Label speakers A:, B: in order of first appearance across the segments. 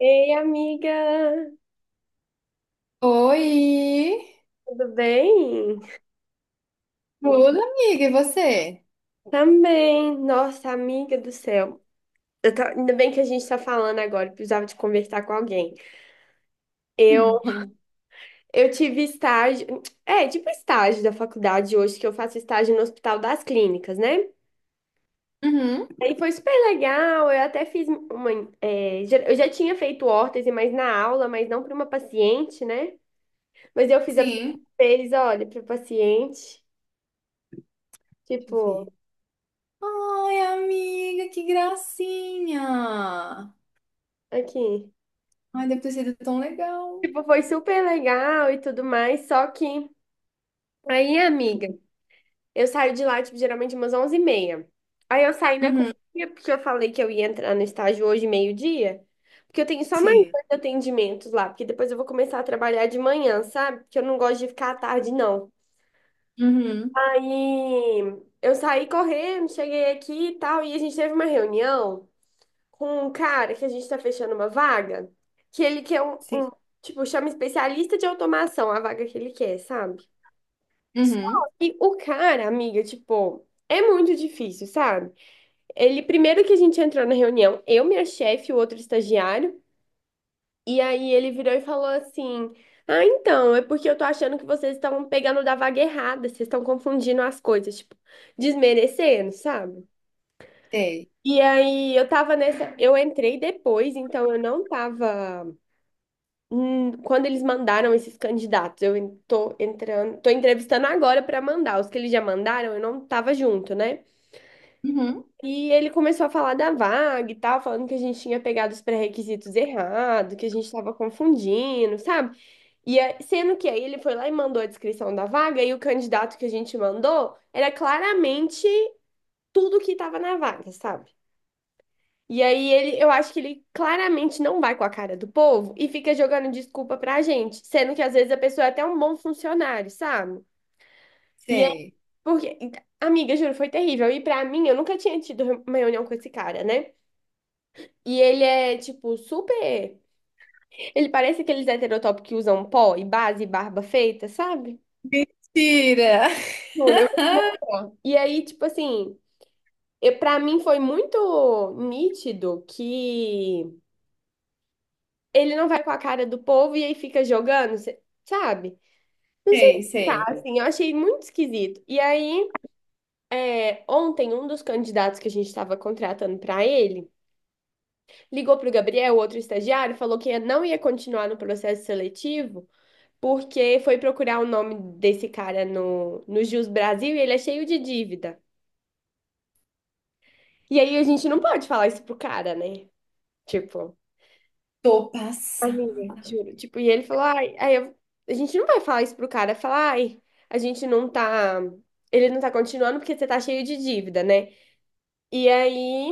A: Ei, amiga,
B: Oi!
A: tudo bem?
B: Tudo, amiga, e você?
A: Também, nossa, amiga do céu. Ainda bem que a gente tá falando agora, eu precisava de conversar com alguém. Eu, eu tive estágio, tipo estágio da faculdade hoje, que eu faço estágio no Hospital das Clínicas, né?
B: Uhum,
A: Aí foi super legal, eu até fiz uma. Eu já tinha feito órtese, mas na aula, mas não para uma paciente, né? Mas eu fiz a primeira
B: sim.
A: vez, olha, para paciente,
B: Deixa eu
A: tipo,
B: ver. Ai, amiga, que gracinha!
A: aqui.
B: Ai, deve ter sido tão legal.
A: Tipo, foi super legal e tudo mais, só que aí, amiga, eu saio de lá, tipo, geralmente umas 11h30. Aí eu saí na
B: Uhum,
A: correria, porque eu falei que eu ia entrar no estágio hoje, meio-dia, porque eu tenho só mais
B: sim.
A: dois atendimentos lá, porque depois eu vou começar a trabalhar de manhã, sabe? Porque eu não gosto de ficar à tarde, não.
B: Uhum,
A: Aí eu saí correndo, cheguei aqui e tal, e a gente teve uma reunião com um cara que a gente tá fechando uma vaga, que ele quer um,
B: sim.
A: um- tipo, chama especialista de automação, a vaga que ele quer, sabe? Só
B: Uhum,
A: que o cara, amiga, tipo, é muito difícil, sabe? Ele, primeiro que a gente entrou na reunião, eu, minha chefe e o outro estagiário, e aí ele virou e falou assim: ah, então, é porque eu tô achando que vocês estão pegando da vaga errada, vocês estão confundindo as coisas, tipo, desmerecendo, sabe?
B: sei,
A: E aí eu tava nessa, eu entrei depois, então eu não tava. Quando eles mandaram esses candidatos, eu tô entrando, tô entrevistando agora para mandar. Os que eles já mandaram, eu não tava junto, né?
B: uhum.
A: E ele começou a falar da vaga e tal, falando que a gente tinha pegado os pré-requisitos errado, que a gente tava confundindo, sabe? Sendo que aí ele foi lá e mandou a descrição da vaga, e o candidato que a gente mandou era claramente tudo que tava na vaga, sabe? E aí ele, eu acho que ele claramente não vai com a cara do povo e fica jogando desculpa pra gente, sendo que às vezes a pessoa é até um bom funcionário, sabe? E é
B: Sei.
A: porque, amiga, juro, foi terrível. E pra mim, eu nunca tinha tido uma reunião com esse cara, né? E ele é, tipo, super. Ele parece aqueles heterotópicos que usam pó e base e barba feita, sabe?
B: Mentira!
A: Juro, eu vou te mostrar. E aí, tipo assim, eu, pra mim foi muito nítido que ele não vai com a cara do povo e aí fica jogando, sabe? Não sei
B: Sei,
A: explicar,
B: sei.
A: assim, eu achei muito esquisito. E aí, ontem, um dos candidatos que a gente estava contratando para ele ligou para o Gabriel, outro estagiário, e falou que não ia continuar no processo seletivo porque foi procurar o nome desse cara no Jus Brasil, e ele é cheio de dívida. E aí a gente não pode falar isso pro cara, né? Tipo.
B: Tô
A: Amiga,
B: passada.
A: juro. Tipo, e ele falou, ai, a gente não vai falar isso pro cara, falar, ai, a gente não tá, ele não tá continuando porque você tá cheio de dívida, né? E aí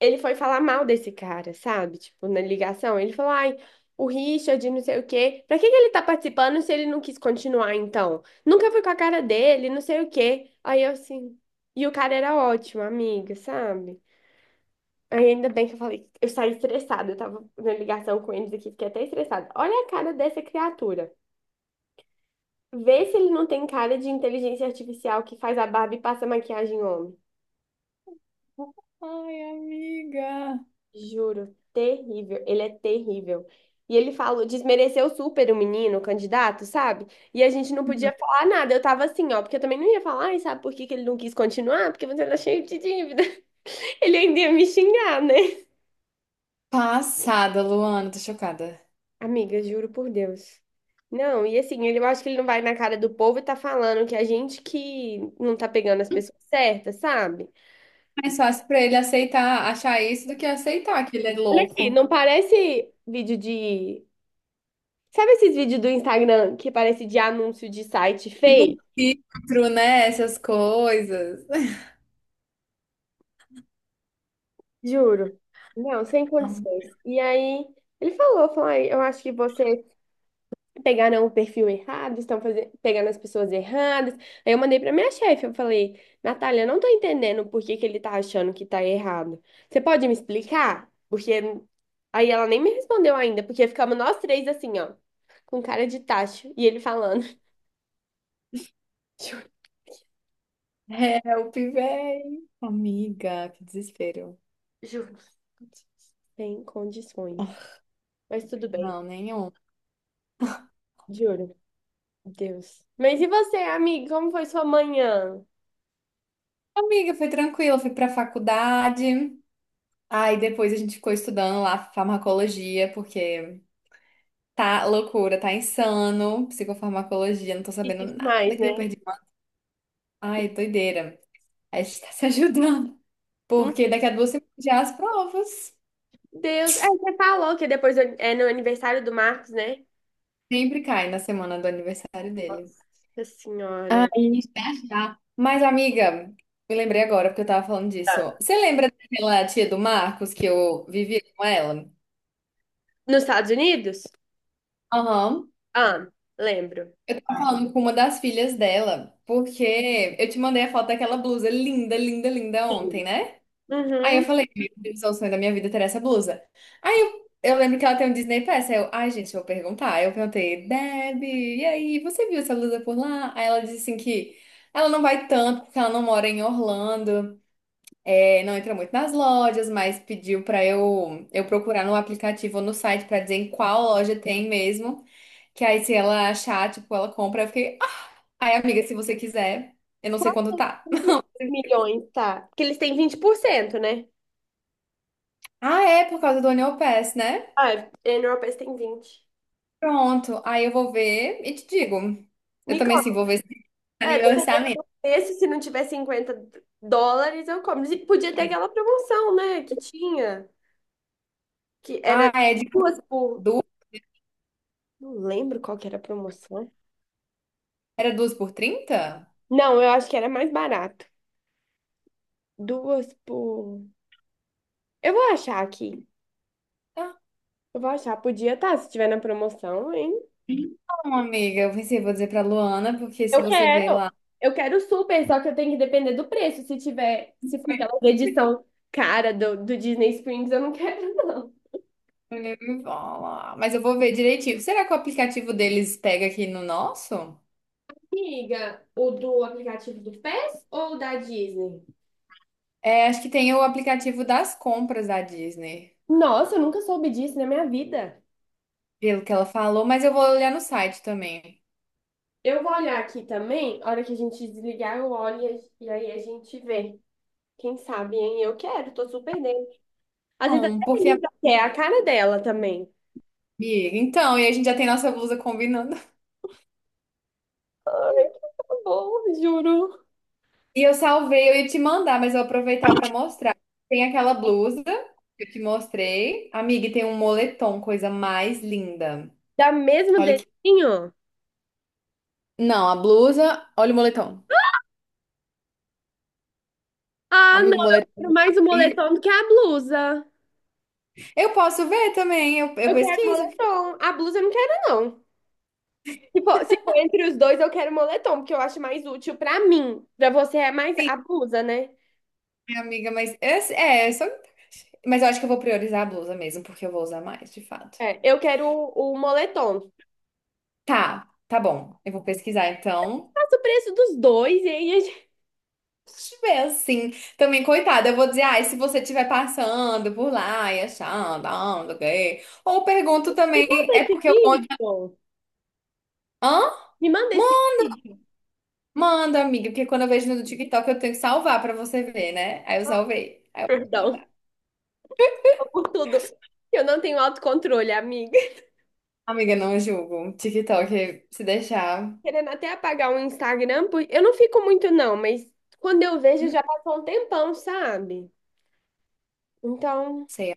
A: ele foi falar mal desse cara, sabe? Tipo, na ligação, ele falou, ai, o Richard, não sei o quê. Pra que que ele tá participando se ele não quis continuar, então? Nunca foi com a cara dele, não sei o quê. Aí eu assim, e o cara era ótimo, amiga, sabe? Aí ainda bem que eu falei, eu saí estressada, eu tava na ligação com eles aqui, fiquei até estressada. Olha a cara dessa criatura. Vê se ele não tem cara de inteligência artificial que faz a barba e passa maquiagem em homem.
B: Ai, amiga.
A: Juro, terrível, ele é terrível. E ele falou, desmereceu super o menino, o candidato, sabe? E a gente não
B: Uhum.
A: podia falar nada. Eu tava assim, ó, porque eu também não ia falar: "Ai, sabe por que que ele não quis continuar? Porque você tá cheio de dívida." Ele ainda ia me xingar, né?
B: Passada, Luana, tô chocada.
A: Amiga, juro por Deus. Não, e assim, eu acho que ele não vai na cara do povo e tá falando que a gente que não tá pegando as pessoas certas, sabe?
B: Mais fácil pra ele aceitar, achar isso do que aceitar que ele é
A: Olha aqui,
B: louco.
A: não parece vídeo de. Sabe esses vídeos do Instagram que parece de anúncio de site
B: Tipo, um
A: fake?
B: filtro, né? Essas coisas.
A: Juro. Não, sem condições. E aí, ele falou, falou: "Ai, eu acho que você pegaram o perfil errado, estão fazendo, pegando as pessoas erradas." Aí eu mandei pra minha chefe, eu falei: Natália, eu não tô entendendo por que que ele tá achando que tá errado. Você pode me explicar? Porque aí ela nem me respondeu ainda, porque ficamos nós três assim, ó, com cara de tacho, e ele falando, juro,
B: Help, véi. Amiga, que desespero.
A: juro, sem condições. Mas tudo bem,
B: Não, nenhum.
A: juro, Deus. Mas e você, amigo, como foi sua manhã?
B: Amiga, foi tranquilo, fui pra faculdade. Aí depois a gente ficou estudando lá farmacologia, porque tá loucura, tá insano. Psicofarmacologia, não tô
A: E
B: sabendo
A: tudo
B: nada
A: mais,
B: que
A: né?
B: eu perdi. Ai, doideira. A gente tá se ajudando. Porque daqui a 2 semanas já as provas.
A: Deus, é, você falou que depois é no aniversário do Marcos, né?
B: Sempre cai na semana do aniversário dele.
A: Nossa senhora.
B: Aí, já. Mas, amiga, me lembrei agora porque eu tava falando disso.
A: Tá.
B: Você lembra daquela tia do Marcos que eu vivia com ela?
A: Nos Estados Unidos?
B: Aham.
A: Ah, lembro.
B: Eu tava falando com uma das filhas dela, porque eu te mandei a foto daquela blusa linda, linda, linda
A: Sim.
B: ontem, né? Aí eu
A: Uhum.
B: falei, meu Deus, é o sonho da minha vida ter essa blusa. Aí eu lembro que ela tem um Disney Pass. Aí eu, ai, gente, eu vou perguntar. Aí eu perguntei, Deb, e aí, você viu essa blusa por lá? Aí ela disse assim que ela não vai tanto, porque ela não mora em Orlando, é, não entra muito nas lojas, mas pediu pra eu procurar no aplicativo ou no site pra dizer em qual loja tem mesmo. Que aí se ela achar, tipo, ela compra. Eu fiquei, ah, aí, amiga, se você quiser, eu não sei quanto tá.
A: Quantos milhões, tá? Porque eles têm 20%, né?
B: Ah, é, por causa do Annual Pass, né?
A: Ah, é, na Europa eles têm 20.
B: Pronto, aí eu vou ver e te digo. Eu
A: Me
B: também,
A: conta.
B: assim, vou ver se tá no
A: É,
B: meu orçamento.
A: dependendo desse, se não tiver US$ 50, eu como. E podia ter aquela promoção, né? Que tinha. Que era
B: Ah, é de
A: duas por.
B: duas,
A: Não lembro qual que era a promoção.
B: era 2 por 30.
A: Não, eu acho que era mais barato. Duas por. Eu vou achar aqui.
B: Ah,
A: Eu vou achar. Podia estar, se tiver na promoção, hein?
B: então, amiga, eu pensei, vou dizer pra Luana, porque se
A: Eu
B: você ver
A: quero.
B: lá,
A: Eu quero super, só que eu tenho que depender do preço. Se tiver, se for aquela edição cara do Disney Springs, eu não quero, não.
B: ele me fala. Mas eu vou ver direitinho. Será que o aplicativo deles pega aqui no nosso?
A: Amiga, o do aplicativo do PES ou o da Disney?
B: É, acho que tem o aplicativo das compras da Disney,
A: Nossa, eu nunca soube disso na minha vida.
B: pelo que ela falou, mas eu vou olhar no site também.
A: Eu vou olhar aqui também. A hora que a gente desligar, eu olho e aí a gente vê. Quem sabe, hein? Eu quero, tô super dentro. Às vezes até
B: Não,
A: a
B: porque, amiga,
A: Elisa quer, é a cara dela também.
B: então, e a gente já tem nossa blusa combinando.
A: Tá bom, juro.
B: E eu salvei, eu ia te mandar, mas eu vou aproveitar para mostrar. Tem aquela blusa que eu te mostrei. Amiga, e tem um moletom, coisa mais linda.
A: Dá mesmo
B: Olha que.
A: dedinho?
B: Não, a blusa, olha o moletom.
A: Ah, não,
B: Amigo, o
A: eu
B: moletom.
A: quero mais o moletom do que a blusa.
B: Eu posso ver também, eu
A: Eu quero
B: pesquiso.
A: moletom. A blusa eu não quero, não. Se for, se for entre os dois, eu quero moletom, porque eu acho mais útil pra mim. Pra você é mais
B: Sim,
A: a blusa, né?
B: minha amiga, mas eu só... Mas eu acho que eu vou priorizar a blusa mesmo, porque eu vou usar mais, de fato.
A: É, eu quero o moletom.
B: Tá, tá bom. Eu vou pesquisar então.
A: Faço o preço dos dois e aí a gente...
B: Se tiver assim, também, coitada, eu vou dizer, ai, se você estiver passando por lá e achando, ah, não sei o quê. Ou pergunto
A: Me
B: também,
A: manda
B: é
A: esse
B: porque eu mando.
A: vídeo.
B: Hã?
A: Me manda
B: Ma-
A: esse vídeo.
B: Manda, amiga, porque quando eu vejo no TikTok eu tenho que salvar pra você ver, né? Aí eu
A: Ah,
B: salvei. Aí eu vou te
A: perdão,
B: mandar.
A: tô por tudo. Eu não tenho autocontrole, amiga.
B: Amiga, não julgo. TikTok, se deixar,
A: Querendo até apagar o Instagram, eu não fico muito não, mas quando eu vejo
B: hum,
A: já passou um tempão, sabe? Então,
B: sei,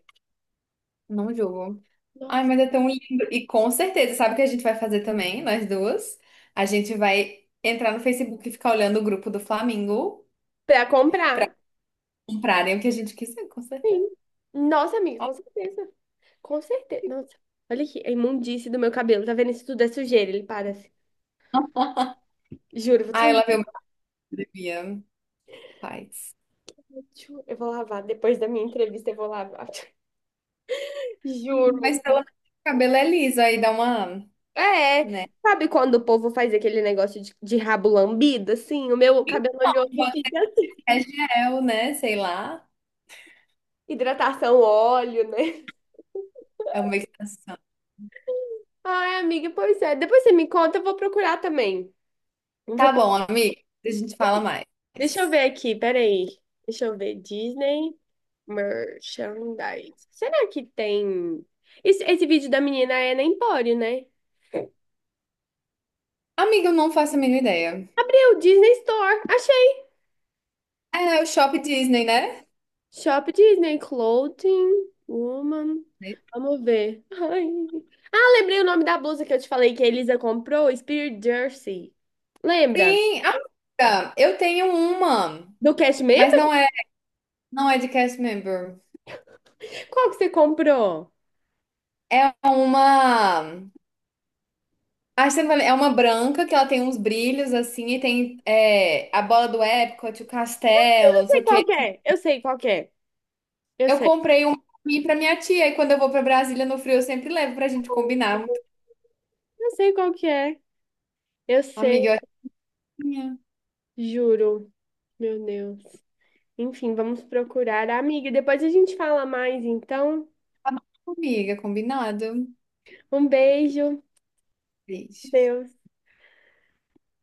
B: não julgo. Ai,
A: nossa,
B: mas é tão lindo. E com certeza, sabe o que a gente vai fazer também, nós duas? A gente vai entrar no Facebook e ficar olhando o grupo do Flamengo.
A: pra comprar,
B: Comprarem o que a gente quiser, com certeza.
A: sim. Nossa, amiga, com certeza. Com certeza. Nossa, olha aqui, a imundice do meu cabelo, tá vendo? Isso tudo é sujeira, ele parece. Juro, eu vou,
B: Ah, ela veio uma academia, faz.
A: eu vou lavar. Depois da minha entrevista, eu vou lavar. Juro.
B: Mas pelo menos o cabelo é liso, aí dá uma,
A: É,
B: né?
A: sabe quando o povo faz aquele negócio de, rabo lambido, assim? O meu cabelo oleoso
B: Pode ser
A: fica assim.
B: que é gel, né? Sei lá.
A: Hidratação, óleo, né?
B: É uma extensão.
A: Ai, amiga, pois é. Depois você me conta, eu vou procurar também. Eu vou
B: Tá
A: pro-
B: bom, amiga. A gente fala mais.
A: Deixa eu ver aqui, peraí. Deixa eu ver. Disney Merchandise. Será que tem. Esse vídeo da menina é na Empório, né?
B: Amiga, eu não faço a mínima ideia.
A: Abriu Disney Store. Achei.
B: É o Shop Disney, né?
A: Shop Disney Clothing Woman. Vamos ver. Ai. Ah, lembrei o nome da blusa que eu te falei que a Elisa comprou, Spirit Jersey. Lembra?
B: Sim, amiga, eu tenho uma,
A: Do cast
B: mas
A: member?
B: não é de cast member.
A: Qual que você comprou?
B: É uma. A Arsenio Valley é uma branca que ela tem uns brilhos assim e tem a bola do Epcot, o castelo,
A: Eu
B: não sei
A: sei
B: o
A: qual
B: quê.
A: que é. Eu sei qual que é. Eu
B: Eu
A: sei.
B: comprei um pra mim e pra minha tia e quando eu vou pra Brasília no frio eu sempre levo pra gente combinar.
A: Não sei qual que é. Eu sei,
B: Amiga, eu acho que minha.
A: juro. Meu Deus. Enfim, vamos procurar. Amiga, depois a gente fala mais, então.
B: Tá bom, amiga, combinado.
A: Um beijo.
B: Beijo.
A: Deus.